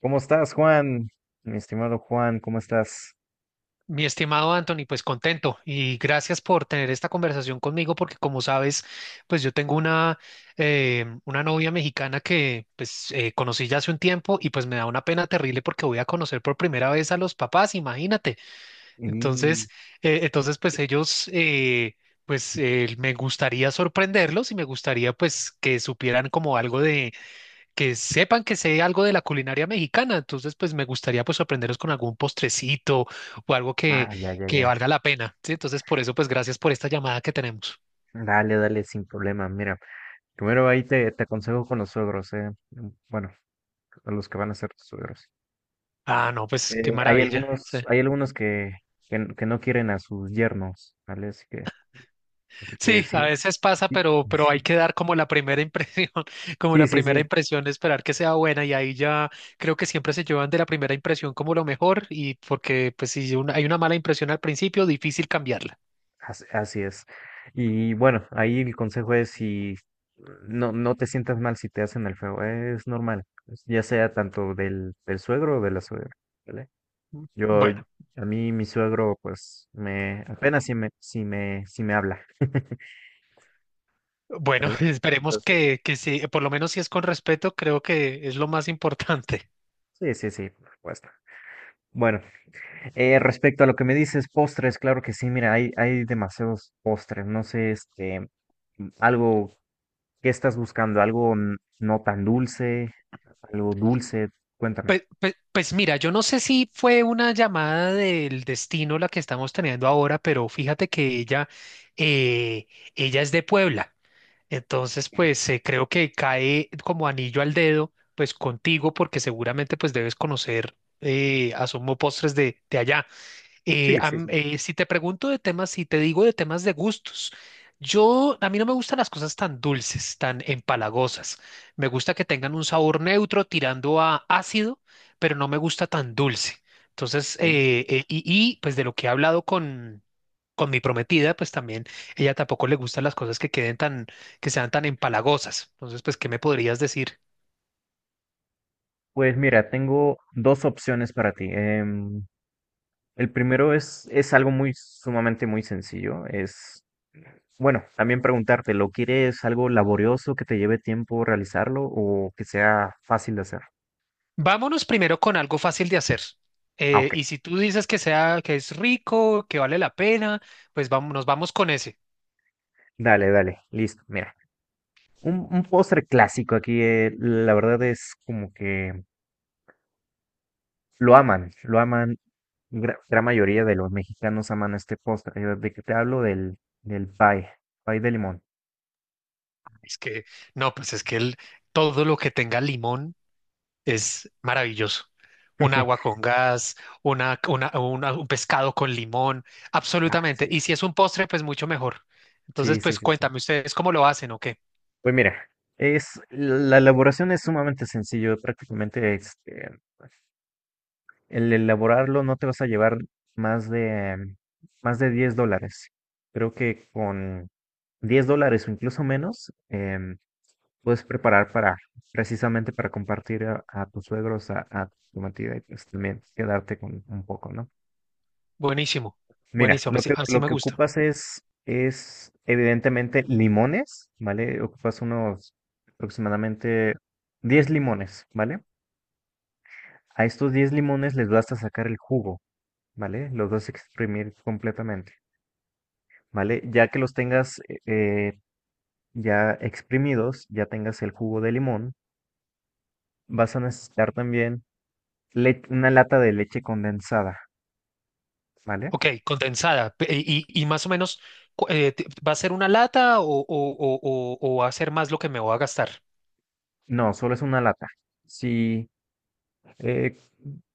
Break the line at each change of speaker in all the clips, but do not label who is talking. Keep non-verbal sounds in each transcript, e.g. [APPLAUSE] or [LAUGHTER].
¿Cómo estás, Juan? Mi estimado Juan, ¿cómo estás?
Mi estimado Anthony, pues contento y gracias por tener esta conversación conmigo porque como sabes, pues yo tengo una novia mexicana que pues conocí ya hace un tiempo y pues me da una pena terrible porque voy a conocer por primera vez a los papás, imagínate.
Y...
Entonces, entonces pues ellos, pues me gustaría sorprenderlos y me gustaría pues que supieran como algo de que sepan que sé algo de la culinaria mexicana, entonces pues me gustaría pues sorprenderos con algún postrecito o algo
Ah, ya, ya,
que
ya.
valga la pena, ¿sí? Entonces por eso pues gracias por esta llamada que tenemos.
Dale, dale, sin problema. Mira, primero ahí te aconsejo con los suegros, ¿eh? Bueno, a los que van a ser tus suegros.
Ah, no, pues qué
Hay
maravilla. Sí,
algunos, hay algunos que no quieren a sus yernos, ¿vale? Así que
sí,
sí,
a veces pasa,
sí,
pero hay
[LAUGHS]
que dar como la primera impresión, [LAUGHS] como
sí,
la
sí,
primera
sí.
impresión, esperar que sea buena y ahí ya creo que siempre se llevan de la primera impresión como lo mejor y porque pues si una- hay una mala impresión al principio, difícil cambiarla.
Así es. Y bueno, ahí el consejo es si no, no te sientas mal si te hacen el feo, es normal, ya sea tanto del, del suegro o de la suegra, ¿vale? Yo,
Bueno.
a mí mi suegro, pues, me, apenas si me, si me, si me habla. [LAUGHS]
Bueno,
¿Vale?
[LAUGHS] esperemos
Entonces,
que sí, por lo menos si es con respeto, creo que es lo más importante. [LAUGHS]
sí, sí, sí, por supuesto. Bueno, respecto a lo que me dices, postres, claro que sí, mira, hay demasiados postres, no sé, algo, ¿qué estás buscando? ¿Algo no tan dulce? Algo dulce, cuéntame.
Pues, pues, pues mira, yo no sé si fue una llamada del destino la que estamos teniendo ahora, pero fíjate que ella, eh, ella es de Puebla. Entonces, pues creo que cae como anillo al dedo, pues contigo, porque seguramente pues debes conocer Asomo Postres de allá.
Sí, sí, sí.
Si te pregunto de temas, si te digo de temas de gustos, yo, a mí no me gustan las cosas tan dulces, tan empalagosas. Me gusta que tengan un sabor neutro tirando a ácido, pero no me gusta tan dulce. Entonces,
Sí.
y, pues de lo que he hablado con mi prometida, pues también ella tampoco le gustan las cosas que queden tan, que sean tan empalagosas. Entonces, pues, ¿qué me podrías decir?
Pues mira, tengo dos opciones para ti. El primero es algo muy sumamente muy sencillo. Es, bueno, también preguntarte, ¿lo quieres algo laborioso que te lleve tiempo realizarlo o que sea fácil de hacer?
Vámonos primero con algo fácil de hacer.
Ah, ok.
Y si tú dices que sea, que es rico, que vale la pena, pues vamos, nos vamos con ese.
Dale, dale, listo. Mira, un postre clásico aquí, la verdad es como que lo aman, lo aman. Gran mayoría de los mexicanos aman este postre. ¿De que te hablo? Del, del pie, pie de limón.
Es que, no, pues es que todo lo que tenga limón es maravilloso. Un agua
[LAUGHS]
con gas, una, un pescado con limón,
Ah,
absolutamente.
sí,
Y si
sí, sí.
es un postre, pues mucho mejor. Entonces,
Sí, sí,
pues
sí, sí.
cuéntame ustedes cómo lo hacen o qué.
Pues mira, es, la elaboración es sumamente sencillo. Prácticamente el elaborarlo no te vas a llevar más de, más de $10. Creo que con $10 o incluso menos, puedes preparar para, precisamente para compartir a tus suegros, a tu matida y pues también quedarte con un poco, ¿no?
Buenísimo,
Mira,
buenísimo, así así
lo
me
que
gusta.
ocupas es evidentemente limones, ¿vale? Ocupas unos aproximadamente 10 limones, ¿vale? A estos 10 limones les vas a sacar el jugo, ¿vale? Los vas a exprimir completamente, ¿vale? Ya que los tengas ya exprimidos, ya tengas el jugo de limón, vas a necesitar también una lata de leche condensada, ¿vale?
Ok, condensada. Y más o menos, ¿va a ser una lata o, o va a ser más lo que me voy a gastar?
No, solo es una lata. Sí, eh,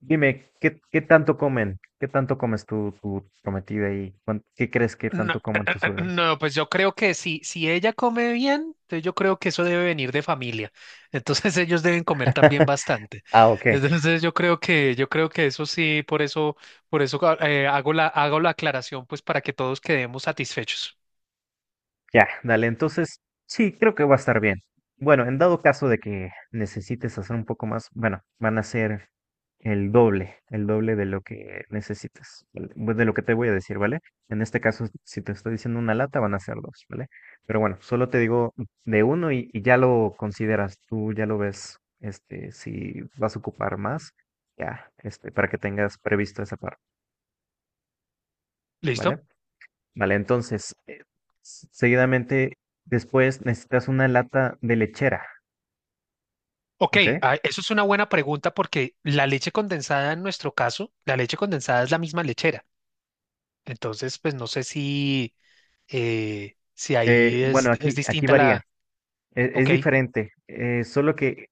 dime, ¿qué, qué tanto comen? ¿Qué tanto comes tu, tu prometida y qué crees que
No,
tanto comen tus suegros?
no, pues yo creo que si, si ella come bien, entonces yo creo que eso debe venir de familia. Entonces [LAUGHS] ellos deben comer también
[LAUGHS]
bastante.
Ah, ok.
Entonces yo creo que eso sí, por eso hago la aclaración, pues para que todos quedemos satisfechos.
Ya, dale, entonces sí, creo que va a estar bien. Bueno, en dado caso de que necesites hacer un poco más, bueno, van a ser el doble de lo que necesitas, ¿vale? De lo que te voy a decir, ¿vale? En este caso, si te estoy diciendo una lata, van a ser dos, ¿vale? Pero bueno, solo te digo de uno y ya lo consideras, tú ya lo ves, este, si vas a ocupar más, ya, este, para que tengas previsto esa parte,
¿Listo?
¿vale? Vale, entonces, seguidamente, después necesitas una lata de lechera,
Ok,
¿ok?
ah, eso es una buena pregunta porque la leche condensada en nuestro caso, la leche condensada es la misma lechera. Entonces, pues no sé si, si ahí
Bueno,
es
aquí, aquí
distinta
varía,
la...
es
Ok.
diferente, solo que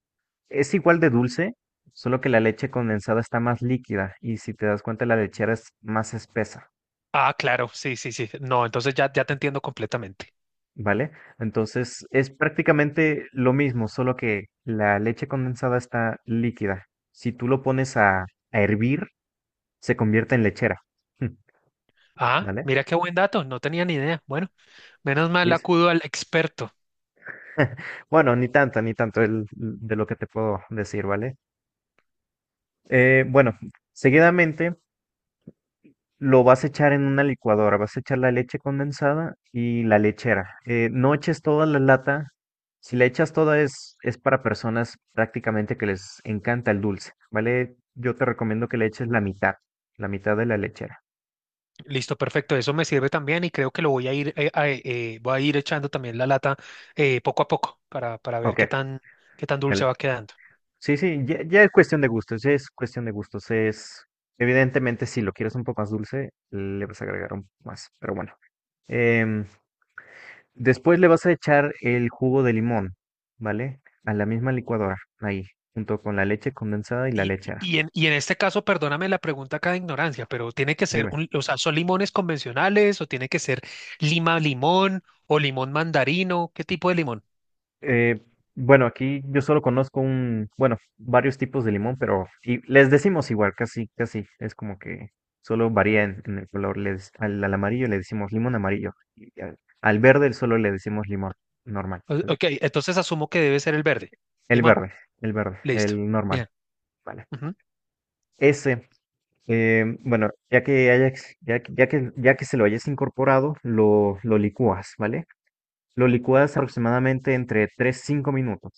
es igual de dulce, solo que la leche condensada está más líquida y si te das cuenta la lechera es más espesa,
Ah, claro, sí, sí, sí. No, entonces ya, ya te entiendo completamente.
¿vale? Entonces, es prácticamente lo mismo, solo que la leche condensada está líquida. Si tú lo pones a hervir, se convierte en lechera. [LAUGHS]
Ah,
¿Vale?
mira qué buen dato, no tenía ni idea. Bueno, menos mal acudo al experto.
[LAUGHS] Bueno, ni tanto, ni tanto de lo que te puedo decir, ¿vale? Bueno, seguidamente lo vas a echar en una licuadora, vas a echar la leche condensada y la lechera. No eches toda la lata, si la echas toda es para personas prácticamente que les encanta el dulce, ¿vale? Yo te recomiendo que le eches la mitad de la lechera.
Listo, perfecto, eso me sirve también y creo que lo voy a ir, voy a ir echando también la lata poco a poco para ver
Ok,
qué tan dulce
dale.
va quedando.
Sí, sí, ya, ya es cuestión de gustos, ya es cuestión de gustos, es. Evidentemente, si lo quieres un poco más dulce, le vas a agregar un poco más, pero bueno. Em, Después le vas a echar el jugo de limón, ¿vale? A la misma licuadora, ahí, junto con la leche condensada y la lechera.
Y en este caso, perdóname la pregunta acá de ignorancia, pero tiene que ser
Dime.
un, o sea, ¿son limones convencionales o tiene que ser lima limón o limón mandarino? ¿Qué tipo de limón?
Eh, bueno, aquí yo solo conozco un, bueno, varios tipos de limón, pero y les decimos igual, casi, casi. Es como que solo varía en el color. Les, al, al amarillo le decimos limón amarillo. Y al, al verde solo le decimos limón normal, ¿vale?
Ok, entonces asumo que debe ser el verde.
El
Limón,
verde, el verde,
listo.
el normal,
Bien.
¿vale?
Ujú.
Ese bueno, ya que hayas, ya, que, ya que ya que se lo hayas incorporado, lo licúas, ¿vale? Lo licúas aproximadamente entre 3 a 5 minutos,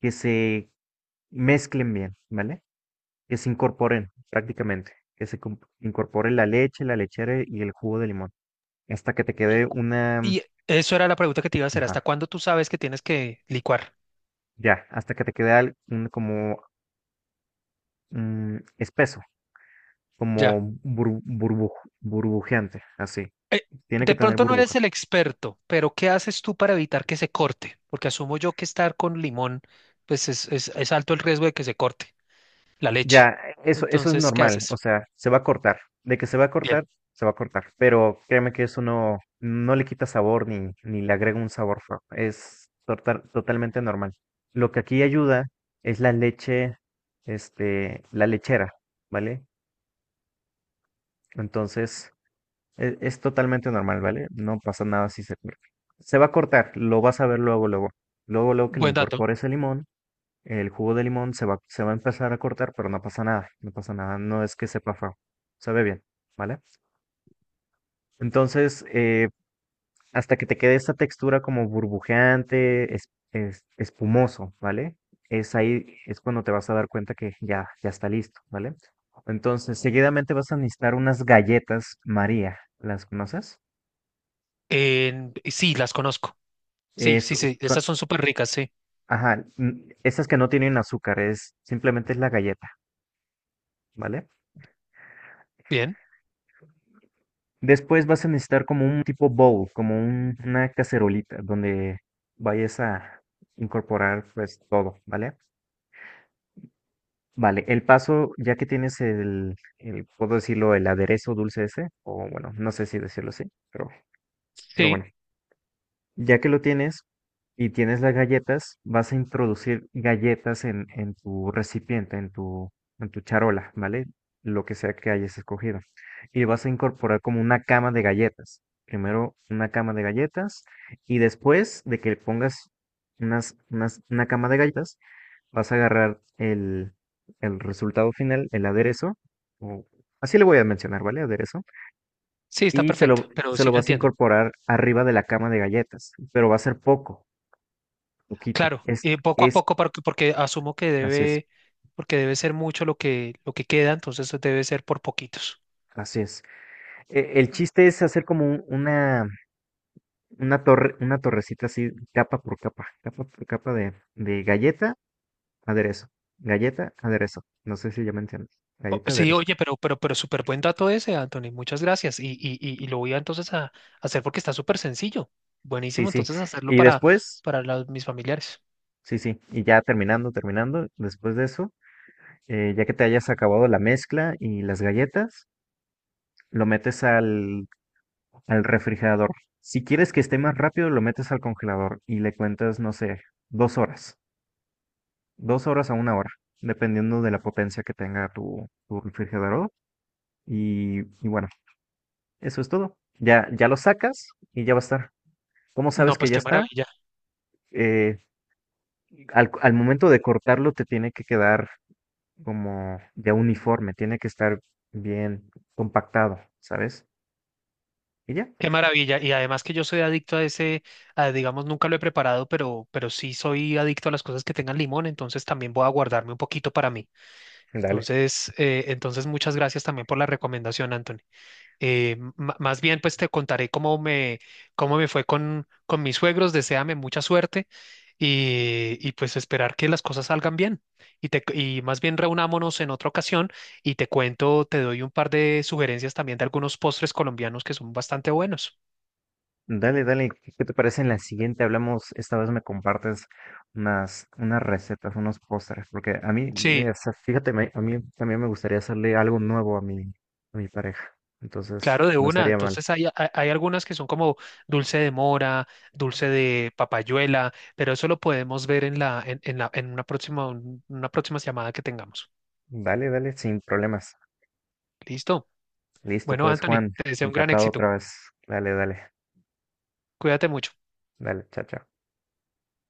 que se mezclen bien, ¿vale? Que se incorporen prácticamente, que se incorpore la leche, la lechera y el jugo de limón, hasta que te
Y,
quede
cu-
una,
y eso era la pregunta que te iba a hacer. ¿Hasta
ajá,
cuándo tú sabes que tienes que licuar?
ya, hasta que te quede como espeso, como
Ya.
burbujeante, así.
Eh,
Tiene que
de
tener
pronto no eres
burbujas.
el experto, pero ¿qué haces tú para evitar que se corte? Porque asumo yo que estar con limón, pues es alto el riesgo de que se corte. La leche.
Ya, eso es
Entonces, ¿qué
normal, o
haces?
sea, se va a cortar. De que se va a
Bien,
cortar, se va a cortar. Pero créeme que eso no, no le quita sabor ni, ni le agrega un sabor feo. Es totalmente normal. Lo que aquí ayuda es la leche, este, la lechera, ¿vale? Entonces, es totalmente normal, ¿vale? No pasa nada si se corta. Se va a cortar, lo vas a ver luego, luego. Luego, luego que le
buen dato.
incorpores el limón. El jugo de limón se va a empezar a cortar, pero no pasa nada, no pasa nada, no es que sepa feo, sabe bien, ¿vale? Entonces, hasta que te quede esta textura como burbujeante, es, espumoso, ¿vale? Es ahí, es cuando te vas a dar cuenta que ya, ya está listo, ¿vale? Entonces, seguidamente vas a necesitar unas galletas María, ¿las conoces?
Sí, las conozco. Sí,
Es-
sí, sí,
son-
estas son súper ricas, sí.
ajá, mm, esas que no tienen azúcar, es simplemente es la galleta, ¿vale?
Bien,
Después vas a necesitar como un tipo bowl, como una cacerolita donde vayas a incorporar pues todo, ¿vale? Vale, el paso, ya que tienes el, puedo decirlo, el aderezo dulce ese, o bueno, no sé si decirlo así, pero, pero bueno.
sí,
Ya que lo tienes y tienes las galletas, vas a introducir galletas en tu recipiente, en tu charola, ¿vale? Lo que sea que hayas escogido. Y vas a incorporar como una cama de galletas. Primero una cama de galletas y después de que pongas una cama de galletas, vas a agarrar el resultado final, el aderezo. o- Así le voy a mencionar, ¿vale? Aderezo
sí, está
y
perfecto, pero
se
sí
lo
lo
vas a
entiendo.
incorporar arriba de la cama de galletas, pero va a ser poco, poquito.
Claro, poco a
Es,
poco, porque, porque asumo que
así es,
debe, porque debe ser mucho lo que queda, entonces debe ser por poquitos.
así es. El chiste es hacer como una torre, una torrecita así, capa por capa de galleta, aderezo, galleta, aderezo. No sé si ya me entiendes. Galleta,
Sí,
aderezo.
oye, pero súper buen dato ese, Anthony, muchas gracias. Y lo voy a entonces a, hacer porque está súper sencillo.
Sí,
Buenísimo,
sí.
entonces hacerlo
Y
para,
después,
mis familiares.
sí, sí. Y ya terminando, terminando, después de eso, ya que te hayas acabado la mezcla y las galletas, lo metes al al refrigerador. Si quieres que esté más rápido, lo metes al congelador y le cuentas, no sé, 2 horas, 2 horas a 1 hora, dependiendo de la potencia que tenga tu, tu refrigerador. Y bueno, eso es todo. Ya, ya lo sacas y ya va a estar. ¿Cómo
No,
sabes que
pues
ya
qué
está?
maravilla.
Eh, Al, al momento de cortarlo te tiene que quedar como ya uniforme, tiene que estar bien compactado, ¿sabes? Y ya.
Qué maravilla. Y además que yo soy adicto a ese, a, digamos, nunca lo he preparado, pero sí soy adicto a las cosas que tengan limón, entonces también voy a guardarme un poquito para mí.
Dale.
Entonces, entonces muchas gracias también por la recomendación, Anthony. Más bien, pues te contaré cómo me fue con mis suegros. Deséame mucha suerte y pues esperar que las cosas salgan bien. Y más bien reunámonos en otra ocasión y te cuento, te doy un par de sugerencias también de algunos postres colombianos que son bastante buenos.
Dale, dale, ¿qué qué te parece en la siguiente? Hablamos, esta vez me compartes unas, unas recetas, unos pósteres, porque a mí,
Sí,
o sea, fíjate, a mí también me gustaría hacerle algo nuevo a mi pareja, entonces
claro, de
no
una.
estaría mal.
Entonces hay algunas que son como dulce de mora, dulce de papayuela, pero eso lo podemos ver en la, en una próxima, una próxima llamada que tengamos.
Dale, dale, sin problemas.
¿Listo?
Listo,
Bueno,
pues
Anthony,
Juan,
te deseo un gran
encantado
éxito.
otra vez. Dale, dale,
Cuídate mucho.
dale, chao, chao.